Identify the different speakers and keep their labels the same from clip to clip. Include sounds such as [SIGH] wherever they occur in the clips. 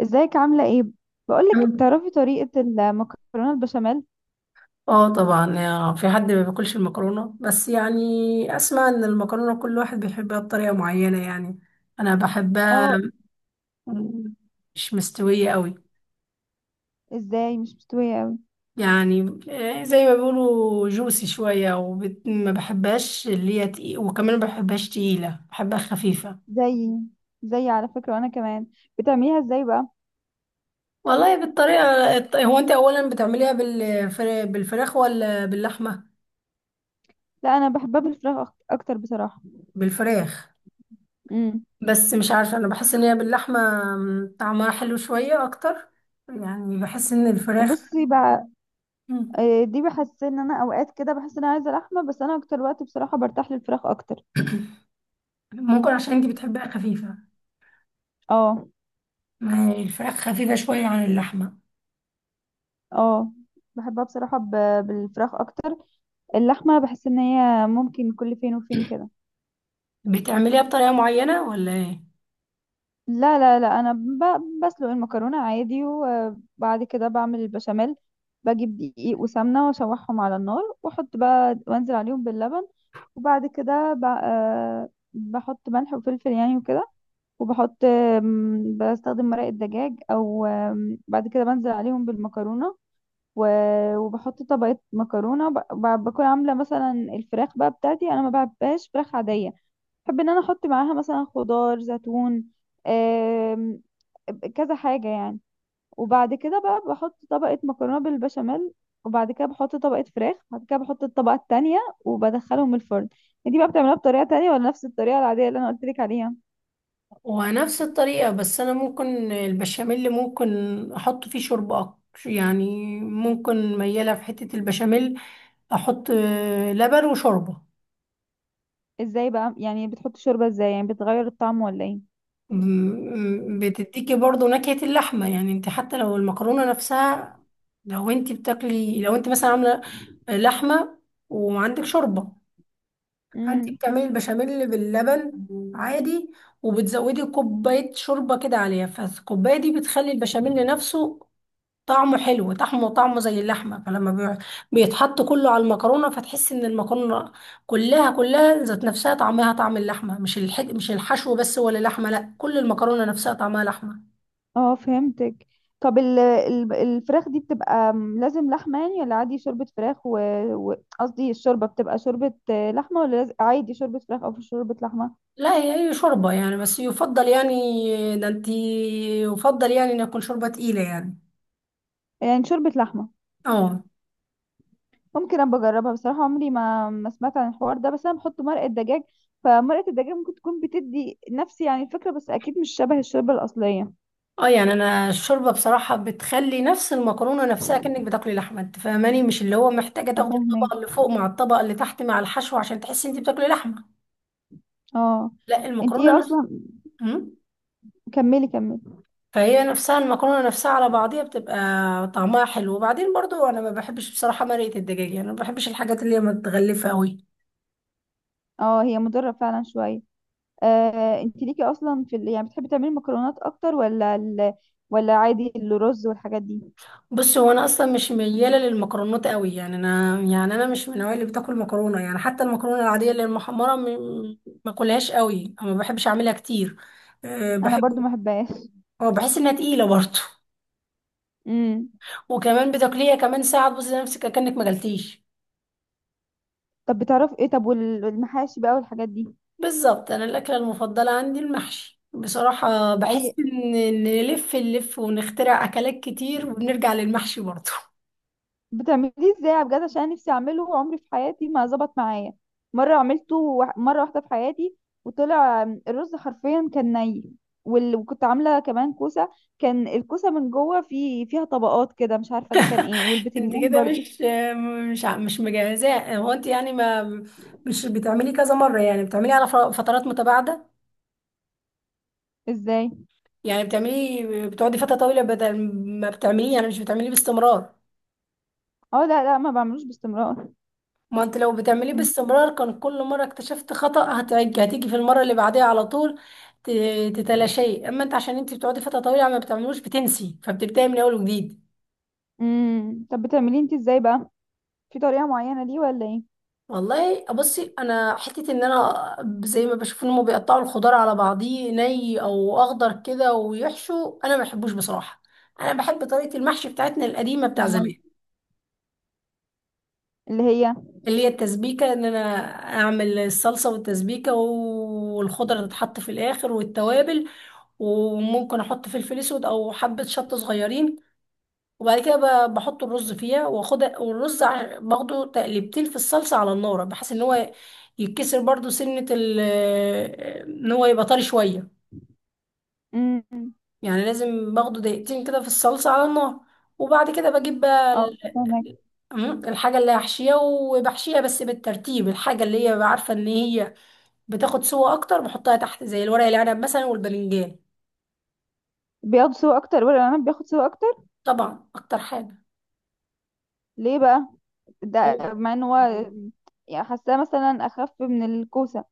Speaker 1: ازيك؟ عاملة ايه؟ بقولك، تعرفي طريقة المكرونة البشاميل؟
Speaker 2: اه طبعا، في حد ما بياكلش المكرونه، بس يعني اسمع ان المكرونه كل واحد بيحبها بطريقه معينه يعني. انا بحبها
Speaker 1: اه.
Speaker 2: مش مستويه قوي
Speaker 1: ازاي مش مستوية اوي؟
Speaker 2: يعني، زي ما بيقولوا جوسي شويه، وما بحبهاش اللي هي تقيل، وكمان ما بحبهاش تقيله، بحبها خفيفه.
Speaker 1: زي زي على فكرة، وانا كمان. بتعمليها ازاي بقى؟
Speaker 2: والله بالطريقه هو انت اولا بتعمليها بالفراخ، ولا باللحمه؟
Speaker 1: لا، انا بحبها بالفراخ اكتر بصراحة.
Speaker 2: بالفراخ.
Speaker 1: امم.
Speaker 2: بس مش عارفة، أنا بحس إن هي باللحمة، طعمها حلو شوية أكتر. يعني بحس إن الفراخ،
Speaker 1: بصي بقى،
Speaker 2: م،
Speaker 1: دي بحس ان انا اوقات كده بحس ان انا عايزة لحمة، بس انا اكتر وقت بصراحة برتاح للفراخ اكتر.
Speaker 2: ممكن عشان أنتي بتحبيها خفيفة.
Speaker 1: اه.
Speaker 2: ما هي الفراخ خفيفة شوية عن اللحمة.
Speaker 1: اه، بحبها بصراحة بالفراخ اكتر. اللحمة بحس ان هي ممكن كل فين وفين كده.
Speaker 2: بتعمليها بطريقة معينة ولا إيه؟
Speaker 1: لا، انا بسلق المكرونه عادي، وبعد كده بعمل البشاميل. بجيب دقيق وسمنه واشوحهم على النار، واحط بقى وانزل عليهم باللبن. وبعد كده بحط ملح وفلفل يعني وكده. وبحط بستخدم مرق الدجاج، او بعد كده بنزل عليهم بالمكرونه. وبحط طبقه مكرونه، بكون عامله مثلا الفراخ بقى. بتاعتي انا ما بحبهاش فراخ عاديه، بحب ان انا احط معاها مثلا خضار، زيتون، آم، كذا حاجة يعني. وبعد كده بقى بحط طبقة مكرونة بالبشاميل، وبعد كده بحط طبقة فراخ، وبعد كده بحط الطبقة التانية، وبدخلهم الفرن. دي بقى بتعملها بطريقة تانية، ولا نفس الطريقة العادية اللي انا قلت لك عليها؟
Speaker 2: ونفس الطريقة، بس أنا ممكن البشاميل، أحط فيه شوربة أكتر يعني. ممكن ميالة في حتة البشاميل، أحط لبن وشوربة.
Speaker 1: ازاي بقى يعني؟ بتحط شوربة ازاي يعني؟ بتغير الطعم ولا ايه؟
Speaker 2: بتديكي برضو نكهة اللحمة. يعني انت حتى لو المكرونة نفسها، لو انت مثلا عاملة لحمة، وعندك شوربة، فانت
Speaker 1: امم.
Speaker 2: بتعملي البشاميل باللبن عادي، وبتزودي كوباية شوربة كده عليها، فالكوباية دي بتخلي البشاميل نفسه طعمه حلو، طعمه زي اللحمة. فلما بيتحط كله على المكرونة، فتحس ان المكرونة كلها ذات نفسها طعمها طعم اللحمة. مش الحشو بس، ولا لحمة، لا كل المكرونة نفسها طعمها لحمة.
Speaker 1: اه، فهمتك. طب الفراخ دي بتبقى لازم لحمة يعني، ولا عادي شوربة فراخ؟ و قصدي الشوربة بتبقى شوربة لحمة، ولا عادي شوربة فراخ أو شوربة لحمة؟
Speaker 2: لا، هي شوربة يعني، بس يفضل يعني، ده انتي، يفضل يعني ان يكون شوربة تقيلة يعني.
Speaker 1: يعني شوربة لحمة.
Speaker 2: اه.
Speaker 1: ممكن أبقى أجربها بصراحة، عمري ما ما سمعت عن الحوار ده، بس أنا بحط مرقة دجاج. فمرقة الدجاج ممكن تكون بتدي نفس يعني الفكرة، بس أكيد مش شبه الشوربة الأصلية.
Speaker 2: اه. يعني انا الشوربة بصراحة بتخلي نفس المكرونة نفسها كأنك بتاكلي لحمة، انت فاهماني؟ مش اللي هو محتاجة تاخدي
Speaker 1: أفهمك.
Speaker 2: الطبقة اللي فوق مع الطبقة اللي تحت مع الحشو عشان تحسي انت بتاكلي لحمة.
Speaker 1: اه.
Speaker 2: لا
Speaker 1: انت ايه
Speaker 2: المكرونه.
Speaker 1: اصلا؟
Speaker 2: مم.
Speaker 1: كملي، كملي.
Speaker 2: فهي نفسها، المكرونة نفسها على بعضيها بتبقى طعمها حلو. وبعدين برضو انا ما بحبش بصراحة مرقة الدجاج، يعني ما بحبش الحاجات اللي هي متغلفة قوي.
Speaker 1: اه، هي مضرة فعلا شوية. انت ليكي اصلا في ال... يعني بتحبي تعملي المكرونات اكتر، ولا ال... ولا عادي الرز والحاجات دي؟
Speaker 2: بص، هو انا اصلا مش ميالة للمكرونات قوي يعني، انا مش من النوع اللي بتاكل مكرونة يعني. حتى المكرونة العادية اللي المحمرة، ما اكلهاش قوي، أو ما بحبش اعملها كتير. أه،
Speaker 1: انا
Speaker 2: بحب.
Speaker 1: برضو ما بحبهاش.
Speaker 2: أه، بحس انها تقيلة برضو.
Speaker 1: امم.
Speaker 2: [LAUGHS] وكمان بتاكليها كمان، ساعة تبصي نفسك كأنك ما جلتيش.
Speaker 1: طب بتعرفي ايه؟ طب والمحاشي بقى والحاجات دي؟
Speaker 2: بالظبط، انا الاكله المفضله عندي المحشي بصراحه. بحس
Speaker 1: اي.
Speaker 2: ان نلف نلف ونخترع اكلات كتير، وبنرجع للمحشي برضه.
Speaker 1: بتعمليه ازاي بجد؟ عشان أنا نفسي اعمله، عمري في حياتي ما ظبط معايا. مره عملته مره واحده في حياتي، وطلع الرز حرفيا كان ني. وال... وكنت عامله كمان كوسه. كان الكوسه من جوه في فيها طبقات كده، مش عارفه ده كان ايه،
Speaker 2: [LAUGHS] انت
Speaker 1: والبتنجان
Speaker 2: كده
Speaker 1: برضو.
Speaker 2: مش مجهزاه. هو انت يعني، ما مش بتعملي كذا مره، يعني بتعملي على فترات متباعده.
Speaker 1: ازاي؟
Speaker 2: يعني بتقعدي فتره طويله، بدل ما بتعمليه، يعني مش بتعمليه باستمرار.
Speaker 1: اه، لا، ما بعملوش باستمرار.
Speaker 2: ما انت لو بتعمليه باستمرار كان كل مرة اكتشفت خطأ هتيجي في المرة اللي بعديها على طول ت- تتلاشيه. اما انت عشان انت بتقعدي فترة طويلة ما بتعملوش، بتنسي، فبتبداي من اول وجديد.
Speaker 1: امم. طب بتعمليه انت ازاي بقى؟ في طريقة معينة ليه ولا ايه؟
Speaker 2: والله بصي، انا حتة ان انا زي ما بشوف ان هم بيقطعوا الخضار على بعضيه ني او اخضر كده ويحشوا، انا ما بحبوش بصراحة. انا بحب طريقة المحشي بتاعتنا القديمة، بتاع زمان.
Speaker 1: أمال اللي هي؟
Speaker 2: اللي هي التسبيكة، ان انا اعمل الصلصة والتسبيكة، والخضرة تتحط في الاخر، والتوابل. وممكن احط فلفل اسود او حبة شطة صغيرين. وبعد كده بحط الرز فيها، واخد والرز باخده تقليبتين في الصلصة على النار، بحيث ان هو يتكسر برضو سنة ال ان هو يبقى طري شوية.
Speaker 1: امم.
Speaker 2: يعني لازم باخده دقيقتين كده في الصلصة على النار. وبعد كده بجيب بقى
Speaker 1: اه، فهمك.
Speaker 2: الحاجة اللي هحشيها، وبحشيها بس بالترتيب. الحاجة اللي هي عارفة ان هي بتاخد سوا اكتر بحطها تحت، زي الورق العنب مثلا والباذنجان.
Speaker 1: بياخد سوا اكتر، ولا انا بياخد سوا اكتر؟
Speaker 2: طبعا، اكتر حاجه.
Speaker 1: ليه بقى؟ ده
Speaker 2: أو-
Speaker 1: مع ان هو يعني حاساه مثلا اخف من الكوسة.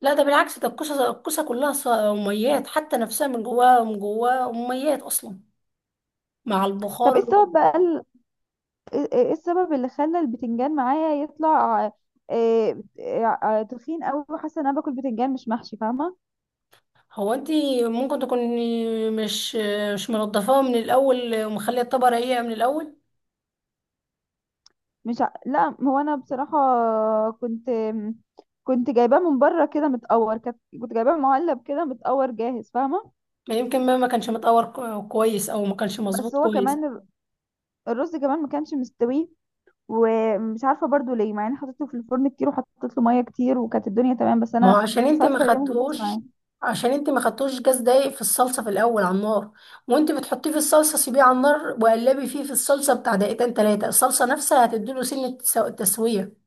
Speaker 2: لا، ده بالعكس، ده الكوسه كلها اميات، حتى نفسها من جواها اميات اصلا مع
Speaker 1: طب ايه
Speaker 2: البخار.
Speaker 1: السبب بقى ايه؟ إيه السبب اللي خلى البتنجان معايا يطلع تخين قوي، وحاسه ان انا باكل بتنجان مش محشي، فاهمة؟
Speaker 2: هو انت ممكن تكوني مش منضفاها من الاول، ومخليه الطبقه رقيقه من الاول.
Speaker 1: مش ع... لا، هو انا بصراحه كنت كنت جايباه من بره كده متقور، كنت جايباه معلب كده متقور جاهز، فاهمه؟
Speaker 2: ما يمكن ما كانش متقور كويس، او ما كانش
Speaker 1: بس
Speaker 2: مظبوط
Speaker 1: هو
Speaker 2: كويس.
Speaker 1: كمان الرز كمان ما كانش مستوي، ومش عارفه برضو ليه، مع اني حطيته في الفرن كتير وحطيت له ميه كتير، وكانت الدنيا تمام، بس
Speaker 2: ما هو
Speaker 1: انا مش عارفه ليه ما ظبطش معايا.
Speaker 2: عشان انت ما خدتوش جاز دايق في الصلصه في الاول على النار. وانت بتحطيه في الصلصه، سيبيه على النار وقلبي فيه في الصلصه بتاع دقيقتين تلاته. الصلصه نفسها هتديله سنه، تسويه.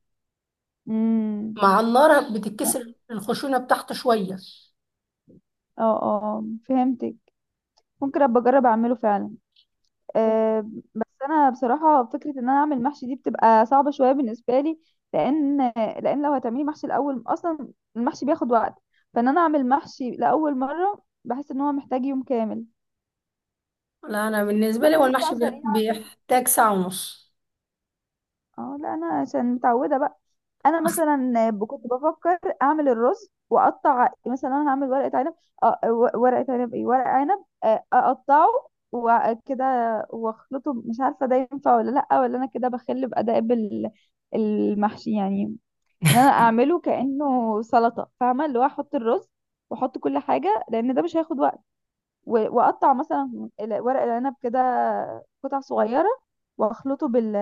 Speaker 1: امم.
Speaker 2: مع النار بتتكسر الخشونه بتاعته شويه.
Speaker 1: اه اه، فهمتك. ممكن ابقى اجرب اعمله فعلا. آه، بس انا بصراحه فكره ان انا اعمل محشي دي بتبقى صعبه شويه بالنسبه لي. لان لو هتعملي محشي الاول اصلا، المحشي بياخد وقت. فان انا اعمل محشي لاول مره بحس ان هو محتاج يوم كامل.
Speaker 2: لا، انا
Speaker 1: في
Speaker 2: بالنسبه لي هو
Speaker 1: حاجات
Speaker 2: المحشي
Speaker 1: بقى سريعه.
Speaker 2: بيحتاج ساعه ونص.
Speaker 1: اه، لا، انا عشان متعوده بقى. انا
Speaker 2: [LAUGHS] اصلا.
Speaker 1: مثلا كنت بفكر اعمل الرز واقطع، مثلا انا هعمل ورقه عنب، ورقه عنب، ايه، ورق عنب اقطعه وكده، واخلطه. مش عارفه ده ينفع ولا لا، ولا انا كده بخل باداب المحشي يعني، ان انا اعمله كانه سلطه، فاهمه؟ اللي هو احط الرز واحط كل حاجه، لان ده مش هياخد وقت. واقطع مثلا ورق العنب كده قطع صغيره، واخلطه بال،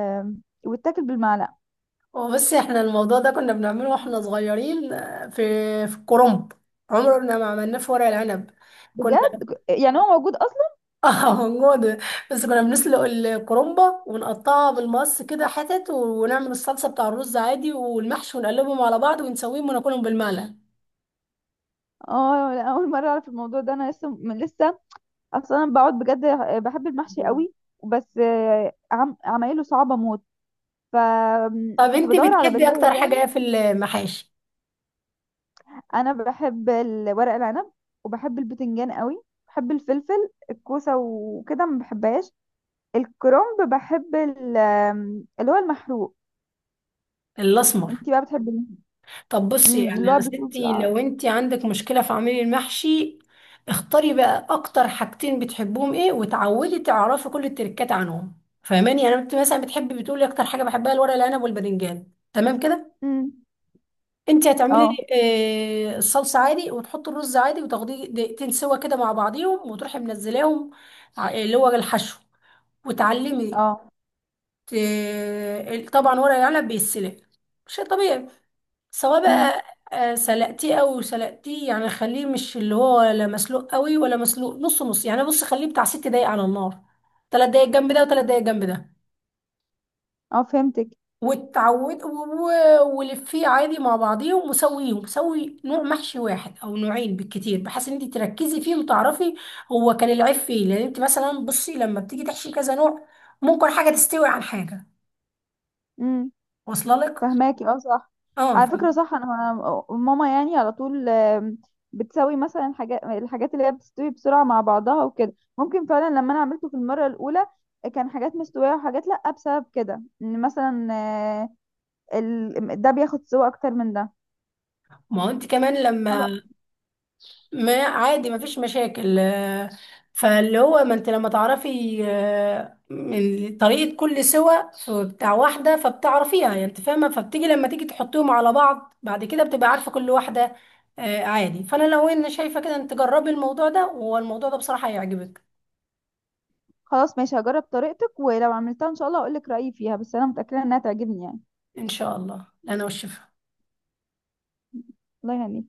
Speaker 1: ويتاكل بالمعلقه.
Speaker 2: وبس، احنا الموضوع ده كنا بنعمله واحنا صغيرين، في الكرنب. عمرنا ما عملناه في ورق العنب. كنا.
Speaker 1: بجد؟ يعني هو موجود اصلا؟
Speaker 2: اه، موجودة. بس كنا بنسلق الكرومبة، ونقطعها بالمقص كده حتت، ونعمل الصلصة بتاع الرز عادي والمحشي، ونقلبهم على بعض ونسويهم وناكلهم بالمعلقة.
Speaker 1: اه، لا، اول مره اعرف الموضوع ده. انا لسه من لسه اصلا، أنا بقعد بجد، بحب المحشي
Speaker 2: مم.
Speaker 1: قوي، بس عمايله صعبه موت،
Speaker 2: طب
Speaker 1: فكنت
Speaker 2: انت
Speaker 1: بدور على
Speaker 2: بتحبي
Speaker 1: بدائل
Speaker 2: اكتر
Speaker 1: يعني.
Speaker 2: حاجة ايه في المحاشي؟
Speaker 1: انا بحب ورق العنب، وبحب البتنجان قوي. بحب الفلفل. الكوسه وكده ما بحبهاش. الكرنب بحب ال... اللي هو المحروق.
Speaker 2: الاسمر.
Speaker 1: انتي بقى بتحبي مين؟
Speaker 2: طب بصي،
Speaker 1: مم،
Speaker 2: يعني
Speaker 1: اللي هو
Speaker 2: انا
Speaker 1: بيكون في
Speaker 2: ستي
Speaker 1: العرض.
Speaker 2: لو انت عندك مشكلة في عميل المحشي، اختاري بقى اكتر حاجتين بتحبهم ايه، وتعودي تعرفي كل التركات عنهم. فاهماني؟ يعني انت مثلا بتقولي اكتر حاجة بحبها الورق العنب والباذنجان، تمام كده.
Speaker 1: مم.
Speaker 2: انت هتعملي
Speaker 1: اه.
Speaker 2: الصلصه عادي، وتحطي الرز عادي، وتاخديه دقيقتين سوا كده مع بعضيهم، وتروحي منزلاهم اللي هو الحشو. وتعلمي
Speaker 1: اه.
Speaker 2: ت- طبعا ورق العنب بيتسلق، شيء طبيعي. سواء
Speaker 1: مم.
Speaker 2: بقى سلقتيه او سلقتيه، يعني خليه مش اللي هو لا مسلوق قوي ولا مسلوق نص نص. يعني بص خليه بتاع ست دقايق على النار، ثلاث دقايق جنب ده، وثلاث دقايق جنب ده.
Speaker 1: اه، فهمتك.
Speaker 2: وتعود ولفيه عادي مع بعضيهم، وسويهم سوي نوع محشي واحد او نوعين بالكتير، بحيث ان انت تركزي فيه وتعرفي هو كان العيب فيه. لان انت مثلا بصي لما بتيجي تحشي كذا نوع، ممكن حاجه تستوي عن حاجه، واصله لك.
Speaker 1: فهماكي، اه، صح.
Speaker 2: اه
Speaker 1: على فكرة صح، انا أنا ماما يعني على طول بتسوي مثلا حاجات، الحاجات اللي هي بتستوي بسرعة مع بعضها وكده. ممكن فعلا لما انا عملته في المرة الاولى كان حاجات مستوية وحاجات لا، بسبب كده ان مثلا ده بياخد سوا اكتر من ده.
Speaker 2: ما هو انت كمان
Speaker 1: خلاص.
Speaker 2: لما، ما عادي مفيش مشاكل. فاللي هو، ما انت لما تعرفي من طريقة كل سوى بتاع واحدة فبتعرفيها يعني، انت فاهمة؟ فبتيجي لما تيجي تحطيهم على بعض، بعد كده بتبقى عارفة كل واحدة عادي. فانا لو انا شايفة كده، انت جربي الموضوع ده، والموضوع ده بصراحة هيعجبك.
Speaker 1: خلاص، ماشي، هجرب طريقتك، ولو عملتها ان شاء الله هقولك رأيي فيها، بس انا متأكدة انها تعجبني يعني.
Speaker 2: ان شاء الله انا والشفاء.
Speaker 1: الله يهنيك.